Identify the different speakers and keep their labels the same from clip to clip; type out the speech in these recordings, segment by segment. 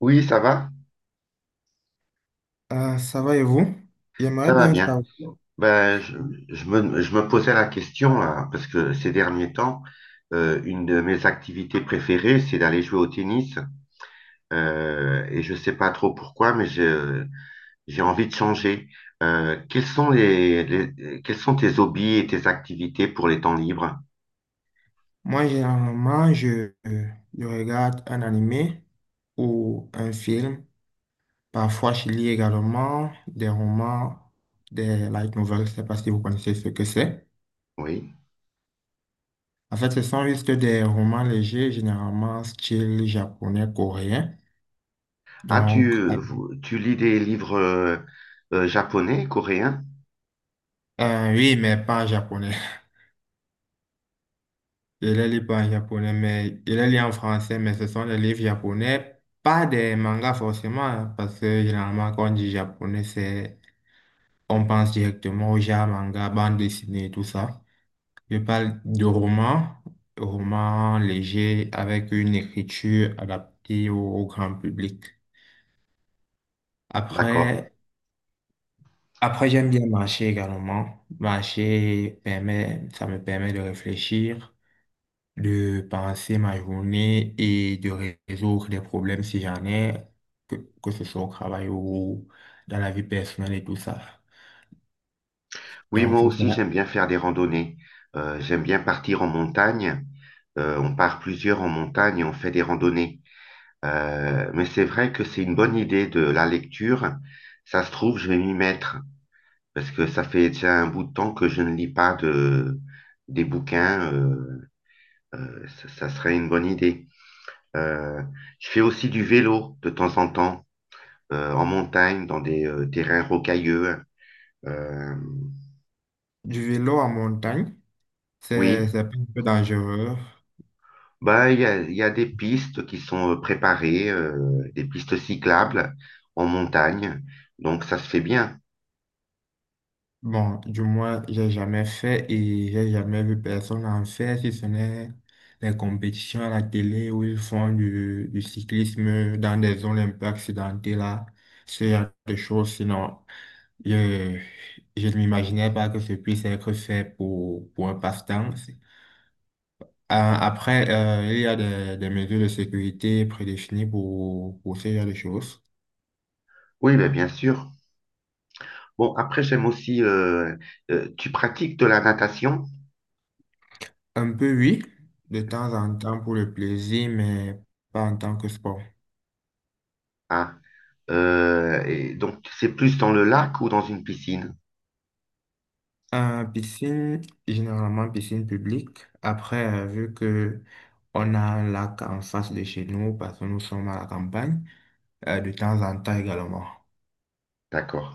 Speaker 1: Oui,
Speaker 2: Ah, ça va et vous? J'aimerais
Speaker 1: ça va
Speaker 2: bien
Speaker 1: bien.
Speaker 2: savoir.
Speaker 1: Ben, je, je me posais la question, là, parce que ces derniers temps, une de mes activités préférées, c'est d'aller jouer au tennis. Et je sais pas trop pourquoi, j'ai envie de changer. Quels sont tes hobbies et tes activités pour les temps libres?
Speaker 2: Moi, généralement, je regarde un animé ou un film. Parfois, je lis également des romans, des light novels. Je ne sais pas si vous connaissez ce que c'est.
Speaker 1: Oui.
Speaker 2: En fait, ce sont juste des romans légers, généralement style japonais, coréen. Donc,
Speaker 1: Tu lis des livres japonais, coréens?
Speaker 2: oui, mais pas japonais. Je les lis pas en japonais, mais je les lis en français, mais ce sont des livres japonais, pas des mangas forcément, hein, parce que généralement, quand on dit japonais, c'est, on pense directement aux manga, bande dessinée, et tout ça. Je parle de romans, romans légers avec une écriture adaptée au grand public.
Speaker 1: D'accord.
Speaker 2: Après, après, j'aime bien marcher également. Ça me permet de réfléchir, de passer ma journée et de résoudre des problèmes si j'en ai, que, que ce soit au travail ou dans la vie personnelle et tout ça.
Speaker 1: Oui,
Speaker 2: Donc,
Speaker 1: moi
Speaker 2: c'est
Speaker 1: aussi,
Speaker 2: ça.
Speaker 1: j'aime bien faire des randonnées. J'aime bien partir en montagne. On part plusieurs en montagne et on fait des randonnées. Mais c'est vrai que c'est une bonne idée de la lecture. Ça se trouve, je vais m'y mettre parce que ça fait déjà un bout de temps que je ne lis pas de, des bouquins. Ça serait une bonne idée. Euh, je fais aussi du vélo de temps en temps en montagne, dans des terrains rocailleux. Euh,
Speaker 2: Du vélo en montagne, c'est
Speaker 1: oui,
Speaker 2: c'est un peu dangereux.
Speaker 1: bah, il y a des pistes qui sont préparées, des pistes cyclables en montagne, donc ça se fait bien.
Speaker 2: Bon, du moins, j'ai jamais fait et j'ai jamais vu personne en faire, si ce n'est les compétitions à la télé où ils font du cyclisme dans des zones un peu accidentées là, ce genre de choses. Sinon, je, je ne m'imaginais pas que ce puisse être fait pour un passe-temps. Après, il y a des mesures de sécurité prédéfinies pour ce genre de choses.
Speaker 1: Oui, bah, bien sûr. Bon, après, j'aime aussi, tu pratiques de la natation,
Speaker 2: Un peu, oui, de temps en temps pour le plaisir, mais pas en tant que sport.
Speaker 1: ah, et donc c'est plus dans le lac ou dans une piscine?
Speaker 2: Piscine, généralement piscine publique. Après, vu que on a un lac en face de chez nous, parce que nous sommes à la campagne, de temps en temps également.
Speaker 1: D'accord.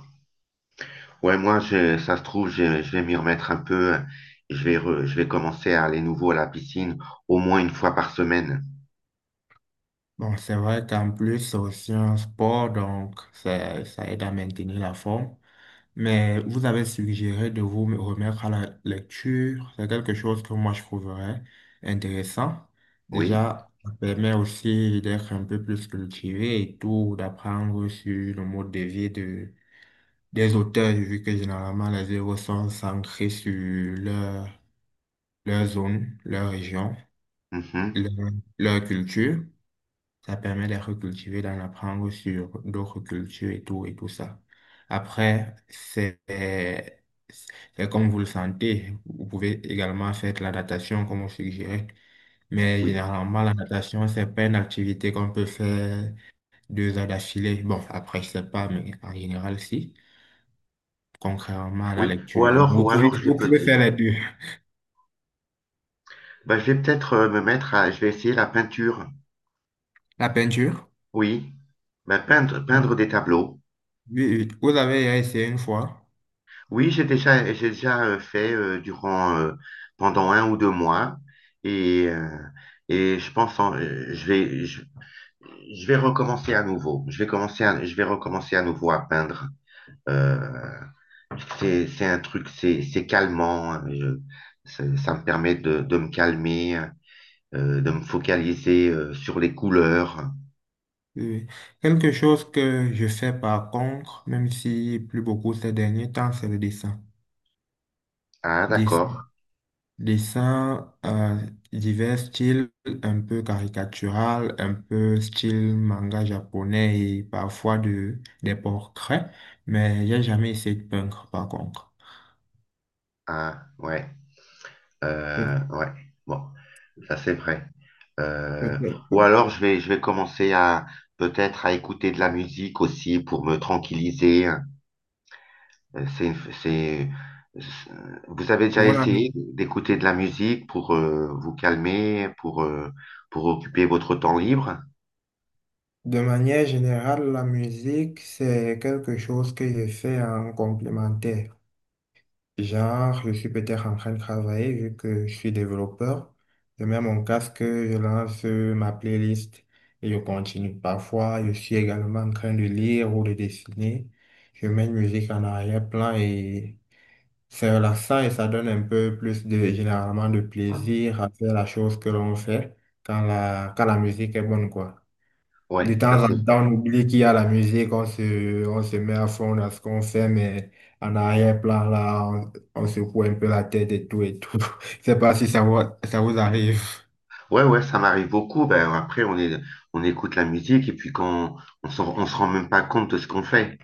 Speaker 1: Ouais, ça se trouve, je vais m'y remettre un peu. Je vais commencer à aller nouveau à la piscine au moins une fois par semaine.
Speaker 2: Bon, c'est vrai qu'en plus, c'est aussi un sport, donc ça aide à maintenir la forme. Mais vous avez suggéré de vous me remettre à la lecture. C'est quelque chose que moi je trouverais intéressant.
Speaker 1: Oui.
Speaker 2: Déjà, ça permet aussi d'être un peu plus cultivé et tout, d'apprendre sur le mode de vie des auteurs, vu que généralement les œuvres sont centrées sur leur, leur zone, leur région,
Speaker 1: Mhm.
Speaker 2: leur, leur culture. Ça permet de recultiver, d'en apprendre sur d'autres cultures et tout ça. Après, c'est comme vous le sentez. Vous pouvez également faire de la natation, comme on suggérait. Mais
Speaker 1: Oui.
Speaker 2: généralement, la natation, c'est pas une activité qu'on peut faire 2 heures d'affilée. Bon, après, je sais pas, mais en général, si. Contrairement à la
Speaker 1: Oui.
Speaker 2: lecture. Donc,
Speaker 1: Ou alors, je vais
Speaker 2: vous pouvez
Speaker 1: peut-être,
Speaker 2: faire les deux.
Speaker 1: Bah, Je vais peut-être je vais essayer la peinture.
Speaker 2: La peinture?
Speaker 1: Oui. Bah, peindre,
Speaker 2: Oui,
Speaker 1: peindre des tableaux.
Speaker 2: oui. Vous avez essayé une fois.
Speaker 1: Oui, j'ai déjà fait pendant un ou deux mois. Et, euh, je pense, je vais recommencer à nouveau. Je vais recommencer à nouveau à peindre. Euh, c'est un truc, c'est calmant. Ça ça me permet de me calmer, de me focaliser sur les couleurs.
Speaker 2: Oui. Quelque chose que je fais par contre, même si plus beaucoup ces derniers temps, c'est le dessin.
Speaker 1: Ah,
Speaker 2: Des-
Speaker 1: d'accord.
Speaker 2: Dessin, divers styles, un peu caricatural, un peu style manga japonais et parfois des portraits, mais j'ai jamais essayé de peindre par contre.
Speaker 1: Ah, ouais.
Speaker 2: Peut-
Speaker 1: Ouais. Bon, ça c'est vrai. Euh,
Speaker 2: Peut-être.
Speaker 1: ou alors je vais, Je vais commencer à peut-être à écouter de la musique aussi pour me tranquilliser. Euh, C'est, c'est, c'est- Vous avez déjà
Speaker 2: Voilà.
Speaker 1: essayé d'écouter de la musique pour vous calmer, pour occuper votre temps libre?
Speaker 2: De manière générale, la musique, c'est quelque chose que je fais en complémentaire. Genre, je suis peut-être en train de travailler vu que je suis développeur. Je mets mon casque, je lance ma playlist et je continue. Parfois, je suis également en train de lire ou de dessiner. Je mets une musique en arrière-plan et c'est relaxant et ça donne un peu plus de, généralement, de plaisir à faire la chose que l'on fait quand la musique est bonne, quoi.
Speaker 1: Ouais,
Speaker 2: De
Speaker 1: ça
Speaker 2: temps en
Speaker 1: c'est.
Speaker 2: temps, on oublie qu'il y a la musique, on se met à fond dans ce qu'on fait, mais en arrière-plan, là, on secoue un peu la tête et tout et tout. Je sais pas si ça vous arrive,
Speaker 1: Ouais, ouais, ça m'arrive beaucoup. Ben, après, on écoute la musique et puis quand on on se rend même pas compte de ce qu'on fait.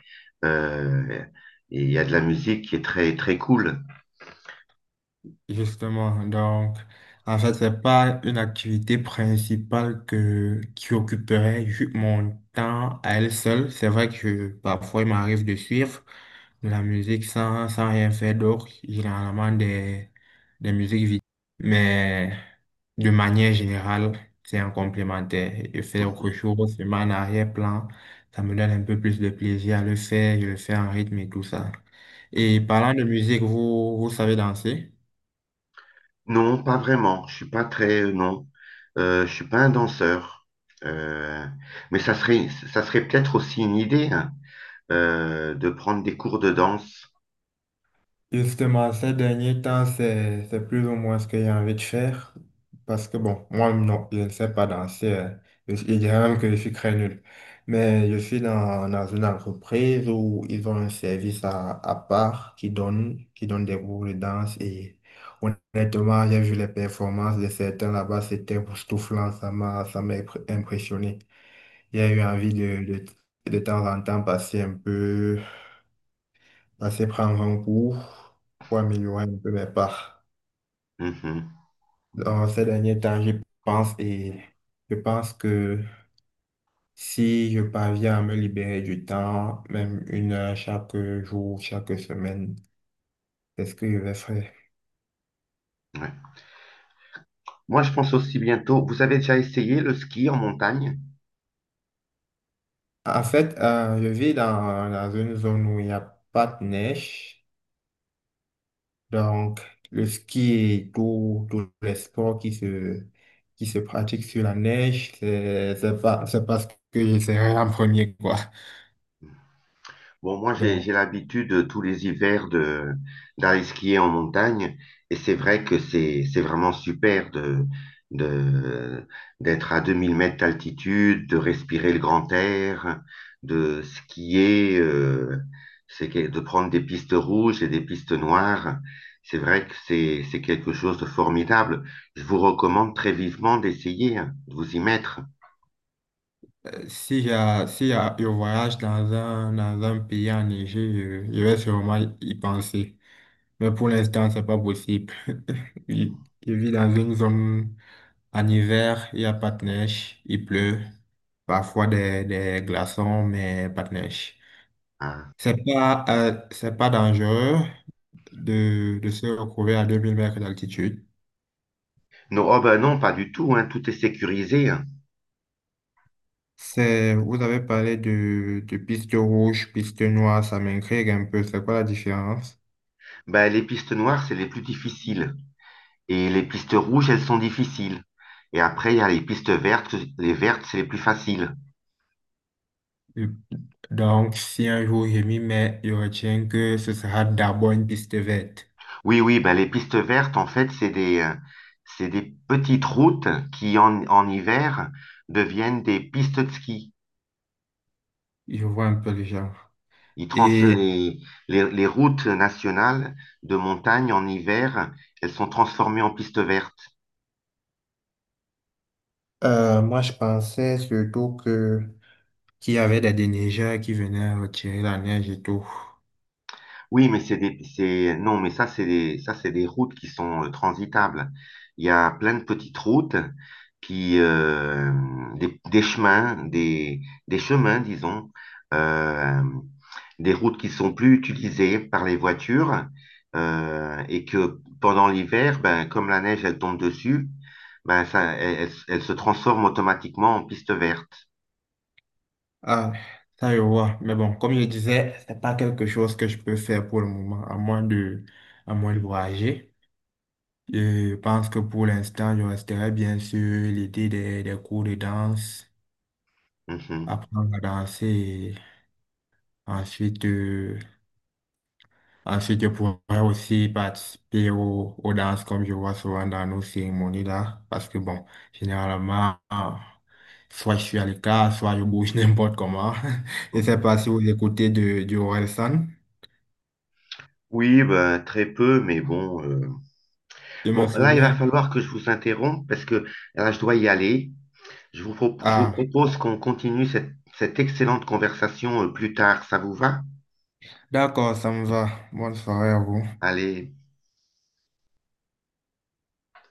Speaker 2: mais de manière générale, c'est un complémentaire. Je fais autre chose, je mets en arrière-plan, ça me donne un peu plus de plaisir à le faire, je le fais en rythme et tout ça. Et parlant de musique, vous savez danser?
Speaker 1: Non, pas vraiment. Je suis pas très, non. Je suis pas un danseur. Euh, mais ça serait peut-être aussi une idée, hein, de prendre des cours de danse.
Speaker 2: Justement, ces derniers temps, c'est plus ou moins ce que j'ai envie de faire. Parce que bon, moi, non, je ne sais pas danser, hein. Je dirais même que je suis très nul. Mais je suis dans une entreprise où ils ont un service à part qui donne des cours de danse. Et honnêtement, j'ai vu les performances de certains là-bas. C'était époustouflant. Ça m'a impressionné. J'ai eu envie de temps en temps passer un peu assez prendre un cours pour améliorer un peu mes parts.
Speaker 1: Mhm,
Speaker 2: Dans ces derniers temps, j'y pense et je pense que si je parviens à me libérer du temps, même 1 heure chaque jour, chaque semaine, c'est ce que je vais faire.
Speaker 1: ouais. Moi, je pense aussi bientôt. Vous avez déjà essayé le ski en montagne?
Speaker 2: En fait, je vis dans une zone où il n'y a pas de neige, donc le ski et tous les sports qui se pratiquent sur la neige, c'est pas ce que j'essaierai en premier, quoi.
Speaker 1: Bon, moi,
Speaker 2: Donc,
Speaker 1: j'ai l'habitude tous les hivers de, d'aller skier en montagne et c'est vrai que c'est vraiment super de, d'être à 2000 mètres d'altitude, de respirer le grand air, de skier, de prendre des pistes rouges et des pistes noires. C'est vrai que c'est quelque chose de formidable. Je vous recommande très vivement d'essayer, hein, de vous y mettre.
Speaker 2: Si, j'ai- si j'ai je voyage dans un pays enneigé, je vais sûrement y penser. Mais pour l'instant, c'est pas possible. Je, je vis dans une zone en hiver, il n'y a pas de neige, il pleut, parfois des glaçons, mais pas de neige.
Speaker 1: Hein.
Speaker 2: C'est pas dangereux de se retrouver à 2 000 mètres d'altitude.
Speaker 1: Non, oh ben non, pas du tout, hein, tout est sécurisé. Hein.
Speaker 2: Vous avez parlé de piste rouge, piste noire, ça m'intrigue un peu. C'est quoi la différence?
Speaker 1: Bah, les pistes noires, c'est les plus difficiles. Et les pistes rouges, elles sont difficiles. Et après, il y a les pistes vertes. Les vertes, c'est les plus faciles.
Speaker 2: Donc, si un jour je m'y mets, je retiens que ce sera d'abord une piste verte.
Speaker 1: Oui, oui, bah, les pistes vertes, en fait, c'est des petites routes qui, en hiver, deviennent des pistes de ski.
Speaker 2: Je vois un peu le genre.
Speaker 1: Ils trans
Speaker 2: Et
Speaker 1: Les routes nationales de montagne en hiver, elles sont transformées en pistes vertes.
Speaker 2: moi, je pensais surtout que qu'il y avait des déneigeurs qui venaient retirer la neige et tout.
Speaker 1: Non, c'est des routes qui sont transitables. Il y a plein de petites routes qui, des, des chemins, des, des chemins, disons, euh, des routes qui sont plus utilisées par les voitures, et que pendant l'hiver, ben, comme la neige, elle tombe dessus, elle se transforme automatiquement en piste verte.
Speaker 2: Ah, ça, je vois. Mais bon, comme je disais, c'est pas quelque chose que je peux faire pour le moment, à moins de voyager. Je pense que pour l'instant, je resterai bien sûr l'idée des cours de danse,
Speaker 1: Mhm,
Speaker 2: apprendre à danser, et Ensuite, euh, ensuite, je pourrais aussi participer aux danses comme je vois souvent dans nos cérémonies là, parce que bon, généralement, soit je suis à l'écart, soit je bouge n'importe comment. Je sais
Speaker 1: mhm.
Speaker 2: pas si vous écoutez du Orelsan.
Speaker 1: Oui, ben, très peu, mais bon.
Speaker 2: Je me
Speaker 1: Bon, là, il va
Speaker 2: souviens.
Speaker 1: falloir que je vous interrompe parce que là, je dois y aller. Je vous
Speaker 2: Ah,
Speaker 1: propose qu'on continue cette excellente conversation plus tard. Ça vous va?
Speaker 2: d'accord, ça me va. Bonne soirée à vous.
Speaker 1: Allez.